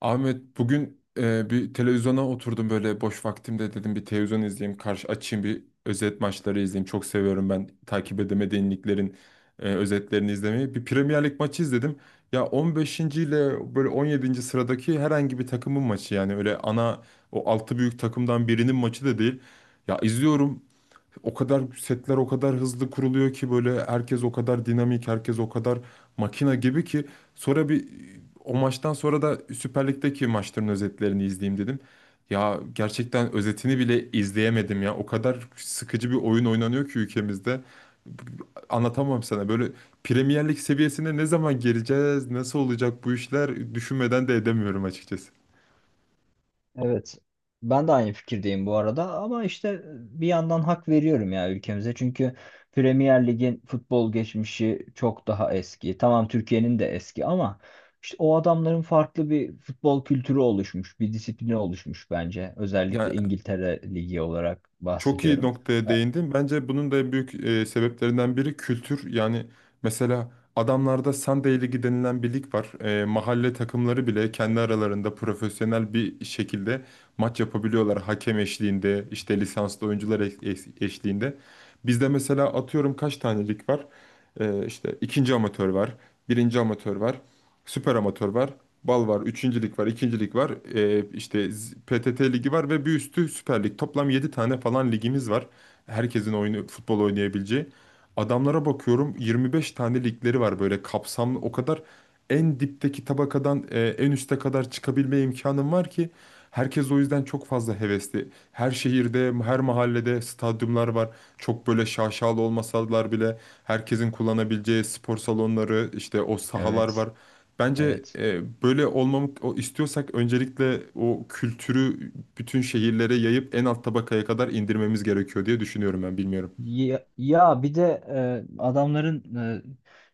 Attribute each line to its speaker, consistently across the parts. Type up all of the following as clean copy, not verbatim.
Speaker 1: Ahmet, bugün bir televizyona oturdum. Böyle boş vaktimde dedim bir televizyon izleyeyim, karşı açayım, bir özet maçları izleyeyim. Çok seviyorum ben takip edemediğim liglerin özetlerini izlemeyi. Bir Premier Lig maçı izledim, ya 15. ile böyle 17. sıradaki herhangi bir takımın maçı, yani öyle ana, o altı büyük takımdan birinin maçı da değil. Ya, izliyorum, o kadar setler o kadar hızlı kuruluyor ki, böyle herkes o kadar dinamik, herkes o kadar makina gibi ki. Sonra bir, o maçtan sonra da Süper Lig'deki maçların özetlerini izleyeyim dedim. Ya, gerçekten özetini bile izleyemedim ya. O kadar sıkıcı bir oyun oynanıyor ki ülkemizde. Anlatamam sana. Böyle Premier Lig seviyesine ne zaman geleceğiz, nasıl olacak bu işler, düşünmeden de edemiyorum açıkçası.
Speaker 2: Evet. Ben de aynı fikirdeyim bu arada, ama işte bir yandan hak veriyorum ya ülkemize. Çünkü Premier Lig'in futbol geçmişi çok daha eski. Tamam, Türkiye'nin de eski ama işte o adamların farklı bir futbol kültürü oluşmuş, bir disiplini oluşmuş bence.
Speaker 1: Yani,
Speaker 2: Özellikle İngiltere Ligi olarak
Speaker 1: çok iyi
Speaker 2: bahsediyorum.
Speaker 1: noktaya
Speaker 2: E,
Speaker 1: değindin. Bence bunun da en büyük sebeplerinden biri kültür. Yani mesela adamlarda Sunday Ligi denilen bir lig var. Mahalle takımları bile kendi aralarında profesyonel bir şekilde maç yapabiliyorlar. Hakem eşliğinde, işte lisanslı oyuncular eşliğinde. Bizde mesela atıyorum kaç tane lig var? İşte ikinci amatör var, birinci amatör var, süper amatör var. Bal var, üçüncülük var, ikincilik var, işte PTT ligi var ve bir üstü Süper Lig. Toplam 7 tane falan ligimiz var. Herkesin oyunu, futbol oynayabileceği. Adamlara bakıyorum 25 tane ligleri var böyle kapsamlı. O kadar en dipteki tabakadan en üste kadar çıkabilme imkanım var ki, herkes o yüzden çok fazla hevesli. Her şehirde, her mahallede stadyumlar var. Çok böyle şaşalı olmasalar bile herkesin kullanabileceği spor salonları, işte o sahalar
Speaker 2: Evet,
Speaker 1: var. Bence
Speaker 2: evet.
Speaker 1: böyle olmamı istiyorsak öncelikle o kültürü bütün şehirlere yayıp en alt tabakaya kadar indirmemiz gerekiyor diye düşünüyorum ben, bilmiyorum.
Speaker 2: Ya, bir de adamların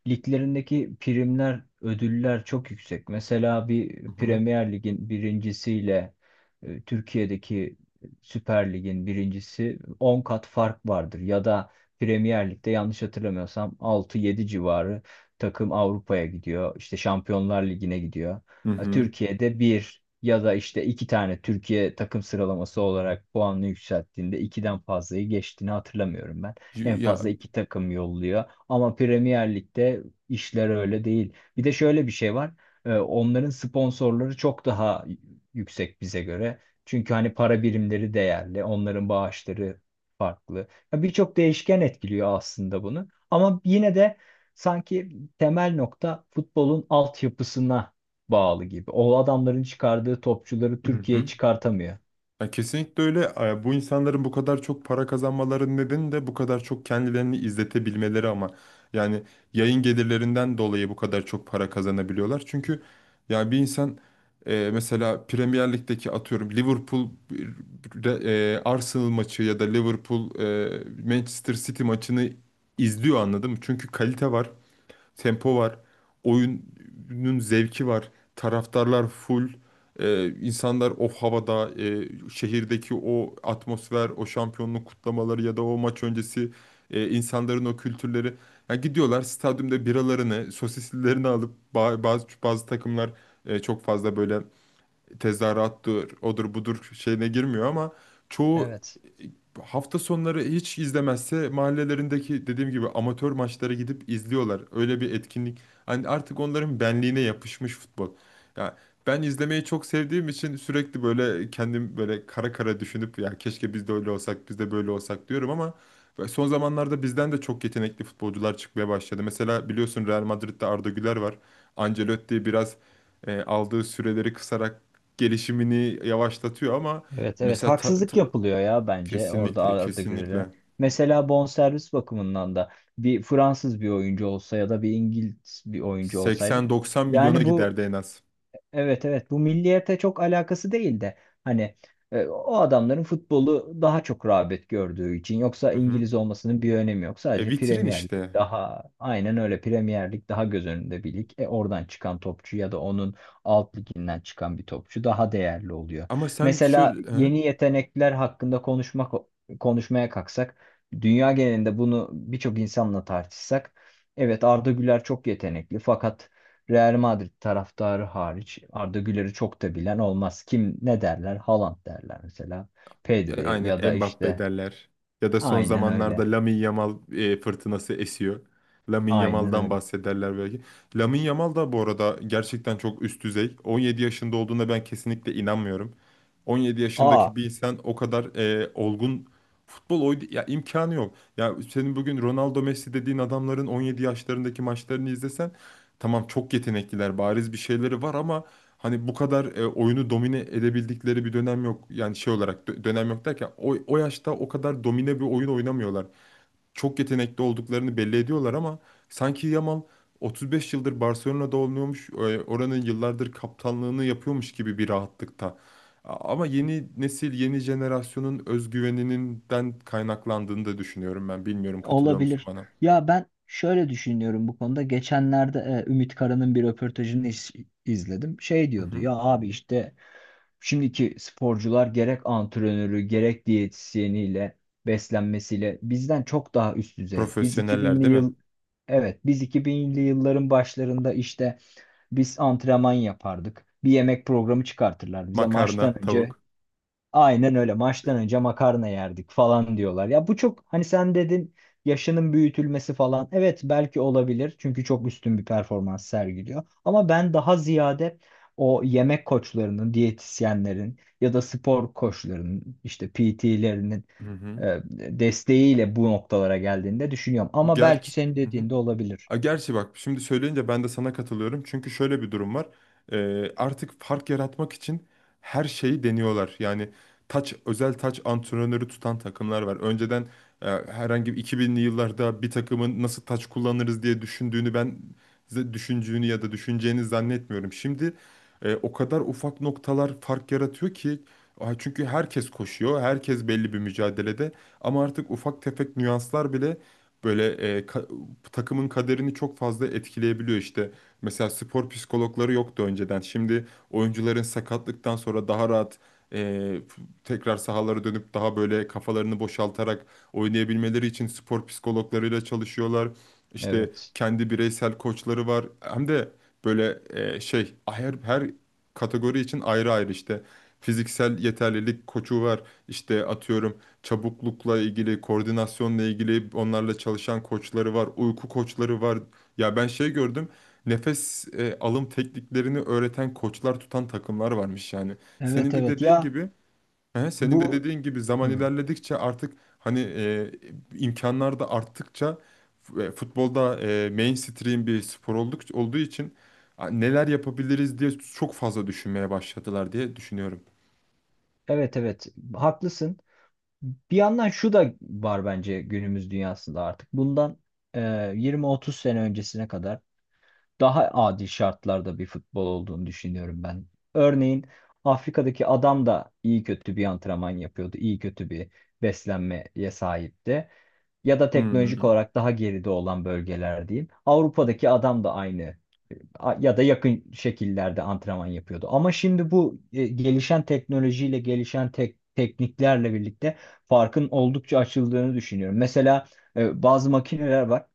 Speaker 2: liglerindeki primler, ödüller çok yüksek. Mesela bir
Speaker 1: Hı hı.
Speaker 2: Premier Lig'in birincisiyle Türkiye'deki Süper Lig'in birincisi 10 kat fark vardır. Ya da Premier Lig'de, yanlış hatırlamıyorsam, 6-7 civarı takım Avrupa'ya gidiyor. İşte Şampiyonlar Ligi'ne gidiyor.
Speaker 1: Hı
Speaker 2: Ha,
Speaker 1: hı.
Speaker 2: Türkiye'de bir ya da işte iki tane Türkiye takım sıralaması olarak puanını yükselttiğinde ikiden fazlayı geçtiğini hatırlamıyorum ben. En
Speaker 1: Ya,
Speaker 2: fazla iki takım yolluyor. Ama Premier Lig'de işler öyle değil. Bir de şöyle bir şey var. Onların sponsorları çok daha yüksek bize göre. Çünkü hani para birimleri değerli, onların bağışları farklı. Ya, birçok değişken etkiliyor aslında bunu. Ama yine de sanki temel nokta futbolun altyapısına bağlı gibi. O adamların çıkardığı topçuları
Speaker 1: hı hı.
Speaker 2: Türkiye çıkartamıyor.
Speaker 1: Ya, kesinlikle öyle. Bu insanların bu kadar çok para kazanmalarının nedeni de bu kadar çok kendilerini izletebilmeleri ama. Yani yayın gelirlerinden dolayı bu kadar çok para kazanabiliyorlar. Çünkü ya bir insan mesela Premier Lig'deki atıyorum Liverpool Arsenal maçı ya da Liverpool Manchester City maçını izliyor, anladın mı? Çünkü kalite var, tempo var. Oyunun zevki var. Taraftarlar full. İnsanlar o havada, şehirdeki o atmosfer, o şampiyonluk kutlamaları ya da o maç öncesi insanların o kültürleri. Yani gidiyorlar stadyumda biralarını, sosislilerini alıp bazı bazı takımlar çok fazla böyle tezahürattır, odur budur şeyine girmiyor ama çoğu
Speaker 2: Evet.
Speaker 1: hafta sonları hiç izlemezse mahallelerindeki dediğim gibi amatör maçlara gidip izliyorlar. Öyle bir etkinlik. Hani artık onların benliğine yapışmış futbol. Ya, ben izlemeyi çok sevdiğim için sürekli böyle kendim böyle kara kara düşünüp ya keşke biz de öyle olsak, biz de böyle olsak diyorum ama son zamanlarda bizden de çok yetenekli futbolcular çıkmaya başladı. Mesela biliyorsun Real Madrid'de Arda Güler var. Ancelotti biraz aldığı süreleri kısarak gelişimini yavaşlatıyor ama
Speaker 2: Evet, evet,
Speaker 1: mesela
Speaker 2: haksızlık yapılıyor ya bence, orada
Speaker 1: kesinlikle
Speaker 2: Arda Güler'e.
Speaker 1: kesinlikle
Speaker 2: Mesela bonservis bakımından da bir Fransız bir oyuncu olsa ya da bir İngiliz bir oyuncu olsaydı,
Speaker 1: 80-90 milyona
Speaker 2: yani bu
Speaker 1: giderdi en az.
Speaker 2: evet, evet, bu milliyete çok alakası değil de hani o adamların futbolu daha çok rağbet gördüğü için. Yoksa
Speaker 1: Hı hı.
Speaker 2: İngiliz olmasının bir önemi yok. Sadece
Speaker 1: Vitrin
Speaker 2: Premier Lig
Speaker 1: işte.
Speaker 2: daha, aynen öyle, Premier Lig daha göz önünde bir lig. Oradan çıkan topçu ya da onun alt liginden çıkan bir topçu daha değerli oluyor.
Speaker 1: Ama sen
Speaker 2: Mesela
Speaker 1: şöyle... he?
Speaker 2: yeni yetenekler hakkında konuşmaya kalksak, dünya genelinde bunu birçok insanla tartışsak, evet, Arda Güler çok yetenekli fakat Real Madrid taraftarı hariç Arda Güler'i çok da bilen olmaz. Kim ne derler? Haaland derler mesela. Pedri ya
Speaker 1: Aynen,
Speaker 2: da
Speaker 1: Mbappe
Speaker 2: işte,
Speaker 1: derler. Ya da son
Speaker 2: aynen öyle.
Speaker 1: zamanlarda Lamine Yamal fırtınası esiyor. Lamine
Speaker 2: Aynen
Speaker 1: Yamal'dan
Speaker 2: öyle.
Speaker 1: bahsederler belki. Lamine Yamal da bu arada gerçekten çok üst düzey. 17 yaşında olduğuna ben kesinlikle inanmıyorum. 17
Speaker 2: Aa,
Speaker 1: yaşındaki bir insan o kadar olgun futbol oydu ya, imkanı yok. Ya senin bugün Ronaldo Messi dediğin adamların 17 yaşlarındaki maçlarını izlesen, tamam çok yetenekliler, bariz bir şeyleri var ama hani bu kadar oyunu domine edebildikleri bir dönem yok. Yani şey olarak dönem yok derken o yaşta o kadar domine bir oyun oynamıyorlar. Çok yetenekli olduklarını belli ediyorlar ama sanki Yamal 35 yıldır Barcelona'da oynuyormuş, oranın yıllardır kaptanlığını yapıyormuş gibi bir rahatlıkta. Ama yeni nesil, yeni jenerasyonun özgüveninden kaynaklandığını da düşünüyorum ben. Bilmiyorum, katılıyor musun
Speaker 2: olabilir.
Speaker 1: bana?
Speaker 2: Ya, ben şöyle düşünüyorum bu konuda. Geçenlerde Ümit Kara'nın bir röportajını izledim. Şey
Speaker 1: Hı
Speaker 2: diyordu
Speaker 1: hı.
Speaker 2: ya, abi işte şimdiki sporcular, gerek antrenörü gerek diyetisyeniyle, beslenmesiyle bizden çok daha üst düzey. Biz
Speaker 1: Profesyoneller
Speaker 2: 2000'li
Speaker 1: değil mi?
Speaker 2: yıl evet biz 2000'li yılların başlarında işte biz antrenman yapardık. Bir yemek programı çıkartırlar bize maçtan
Speaker 1: Makarna,
Speaker 2: önce.
Speaker 1: tavuk.
Speaker 2: Aynen öyle. Maçtan önce makarna yerdik falan diyorlar. Ya bu çok, hani sen dedin, yaşının büyütülmesi falan. Evet, belki olabilir. Çünkü çok üstün bir performans sergiliyor. Ama ben daha ziyade o yemek koçlarının, diyetisyenlerin ya da spor koçlarının, işte PT'lerinin
Speaker 1: Hı
Speaker 2: e,
Speaker 1: hı.
Speaker 2: desteğiyle bu noktalara geldiğinde düşünüyorum. Ama belki
Speaker 1: Gerçi,
Speaker 2: senin
Speaker 1: hı hı.
Speaker 2: dediğinde olabilir.
Speaker 1: Gerçi bak, şimdi söyleyince ben de sana katılıyorum. Çünkü şöyle bir durum var. Artık fark yaratmak için her şeyi deniyorlar. Yani taç, özel taç antrenörü tutan takımlar var. Önceden herhangi bir 2000'li yıllarda bir takımın nasıl taç kullanırız diye düşündüğünü ben size düşündüğünü ya da düşüneceğini zannetmiyorum. Şimdi o kadar ufak noktalar fark yaratıyor ki, çünkü herkes koşuyor, herkes belli bir mücadelede ama artık ufak tefek nüanslar bile böyle e, ka- takımın kaderini çok fazla etkileyebiliyor işte. Mesela spor psikologları yoktu önceden. Şimdi oyuncuların sakatlıktan sonra daha rahat e, tekrar sahalara dönüp daha böyle kafalarını boşaltarak oynayabilmeleri için spor psikologlarıyla çalışıyorlar. İşte
Speaker 2: Evet.
Speaker 1: kendi bireysel koçları var. Hem de böyle şey her kategori için ayrı ayrı işte fiziksel yeterlilik koçu var. İşte atıyorum çabuklukla ilgili, koordinasyonla ilgili onlarla çalışan koçları var, uyku koçları var. Ya ben şey gördüm. Nefes alım tekniklerini öğreten koçlar tutan takımlar varmış yani. Senin
Speaker 2: Evet,
Speaker 1: de
Speaker 2: evet,
Speaker 1: dediğin
Speaker 2: ya,
Speaker 1: gibi, he, senin de
Speaker 2: bu.
Speaker 1: dediğin gibi zaman
Speaker 2: Hı.
Speaker 1: ilerledikçe artık hani imkanlar da arttıkça futbolda mainstream bir spor olduğu için neler yapabiliriz diye çok fazla düşünmeye başladılar diye düşünüyorum.
Speaker 2: Evet, evet, haklısın. Bir yandan şu da var bence günümüz dünyasında artık. Bundan e, 20-30 sene öncesine kadar daha adil şartlarda bir futbol olduğunu düşünüyorum ben. Örneğin Afrika'daki adam da iyi kötü bir antrenman yapıyordu, iyi kötü bir beslenmeye sahipti. Ya da teknolojik
Speaker 1: Hmm.
Speaker 2: olarak daha geride olan bölgeler diyeyim. Avrupa'daki adam da aynı ya da yakın şekillerde antrenman yapıyordu. Ama şimdi bu gelişen teknolojiyle, gelişen tekniklerle birlikte farkın oldukça açıldığını düşünüyorum. Mesela bazı makineler var.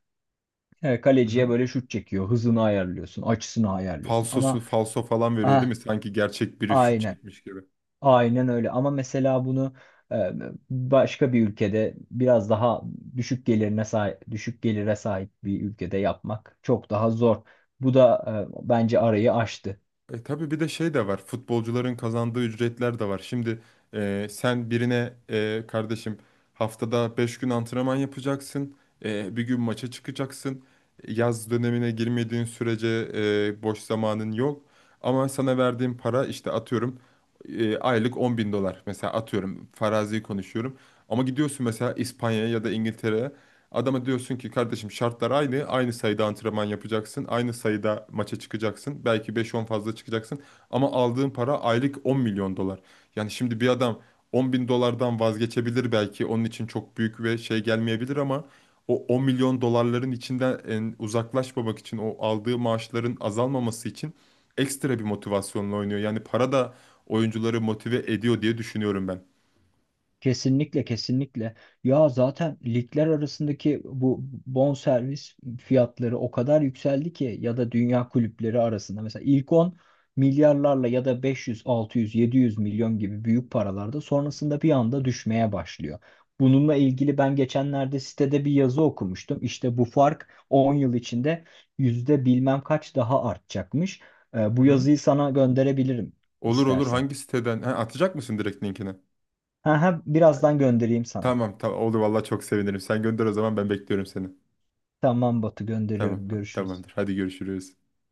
Speaker 2: Kaleciye böyle şut çekiyor. Hızını ayarlıyorsun, açısını ayarlıyorsun.
Speaker 1: Falsosu
Speaker 2: Ama
Speaker 1: falso falan veriyor değil
Speaker 2: ah,
Speaker 1: mi? Sanki gerçek biri şut
Speaker 2: aynen,
Speaker 1: çekmiş gibi.
Speaker 2: aynen öyle. Ama mesela bunu e, başka bir ülkede, biraz daha düşük gelire sahip bir ülkede yapmak çok daha zor. Bu da bence arayı aştı.
Speaker 1: E tabii bir de şey de var. Futbolcuların kazandığı ücretler de var. Şimdi sen birine kardeşim haftada 5 gün antrenman yapacaksın. Bir gün maça çıkacaksın. Yaz dönemine girmediğin sürece boş zamanın yok. Ama sana verdiğim para işte atıyorum aylık 10.000 dolar. Mesela atıyorum, farazi konuşuyorum. Ama gidiyorsun mesela İspanya'ya ya da İngiltere'ye. Adama diyorsun ki kardeşim şartlar aynı. Aynı sayıda antrenman yapacaksın. Aynı sayıda maça çıkacaksın. Belki beş on fazla çıkacaksın. Ama aldığın para aylık 10 milyon dolar. Yani şimdi bir adam 10.000 dolardan vazgeçebilir belki. Onun için çok büyük ve şey gelmeyebilir ama o 10 milyon dolarların içinden uzaklaşmamak için o aldığı maaşların azalmaması için ekstra bir motivasyonla oynuyor. Yani para da oyuncuları motive ediyor diye düşünüyorum ben.
Speaker 2: Kesinlikle, kesinlikle. Ya zaten ligler arasındaki bu bonservis fiyatları o kadar yükseldi ki, ya da dünya kulüpleri arasında mesela ilk on, milyarlarla ya da 500, 600, 700 milyon gibi büyük paralarda, sonrasında bir anda düşmeye başlıyor. Bununla ilgili ben geçenlerde sitede bir yazı okumuştum. İşte bu fark 10 yıl içinde yüzde bilmem kaç daha artacakmış. Ee,
Speaker 1: Hı
Speaker 2: bu
Speaker 1: hı.
Speaker 2: yazıyı sana gönderebilirim
Speaker 1: Olur olur,
Speaker 2: istersen.
Speaker 1: hangi siteden? Ha, atacak mısın direkt linkini?
Speaker 2: Ha, ha, birazdan göndereyim sana.
Speaker 1: Tamam tamam, oldu vallahi, çok sevinirim. Sen gönder o zaman, ben bekliyorum seni.
Speaker 2: Tamam Batu,
Speaker 1: Tamam,
Speaker 2: gönderiyorum. Görüşürüz.
Speaker 1: tamamdır. Hadi görüşürüz.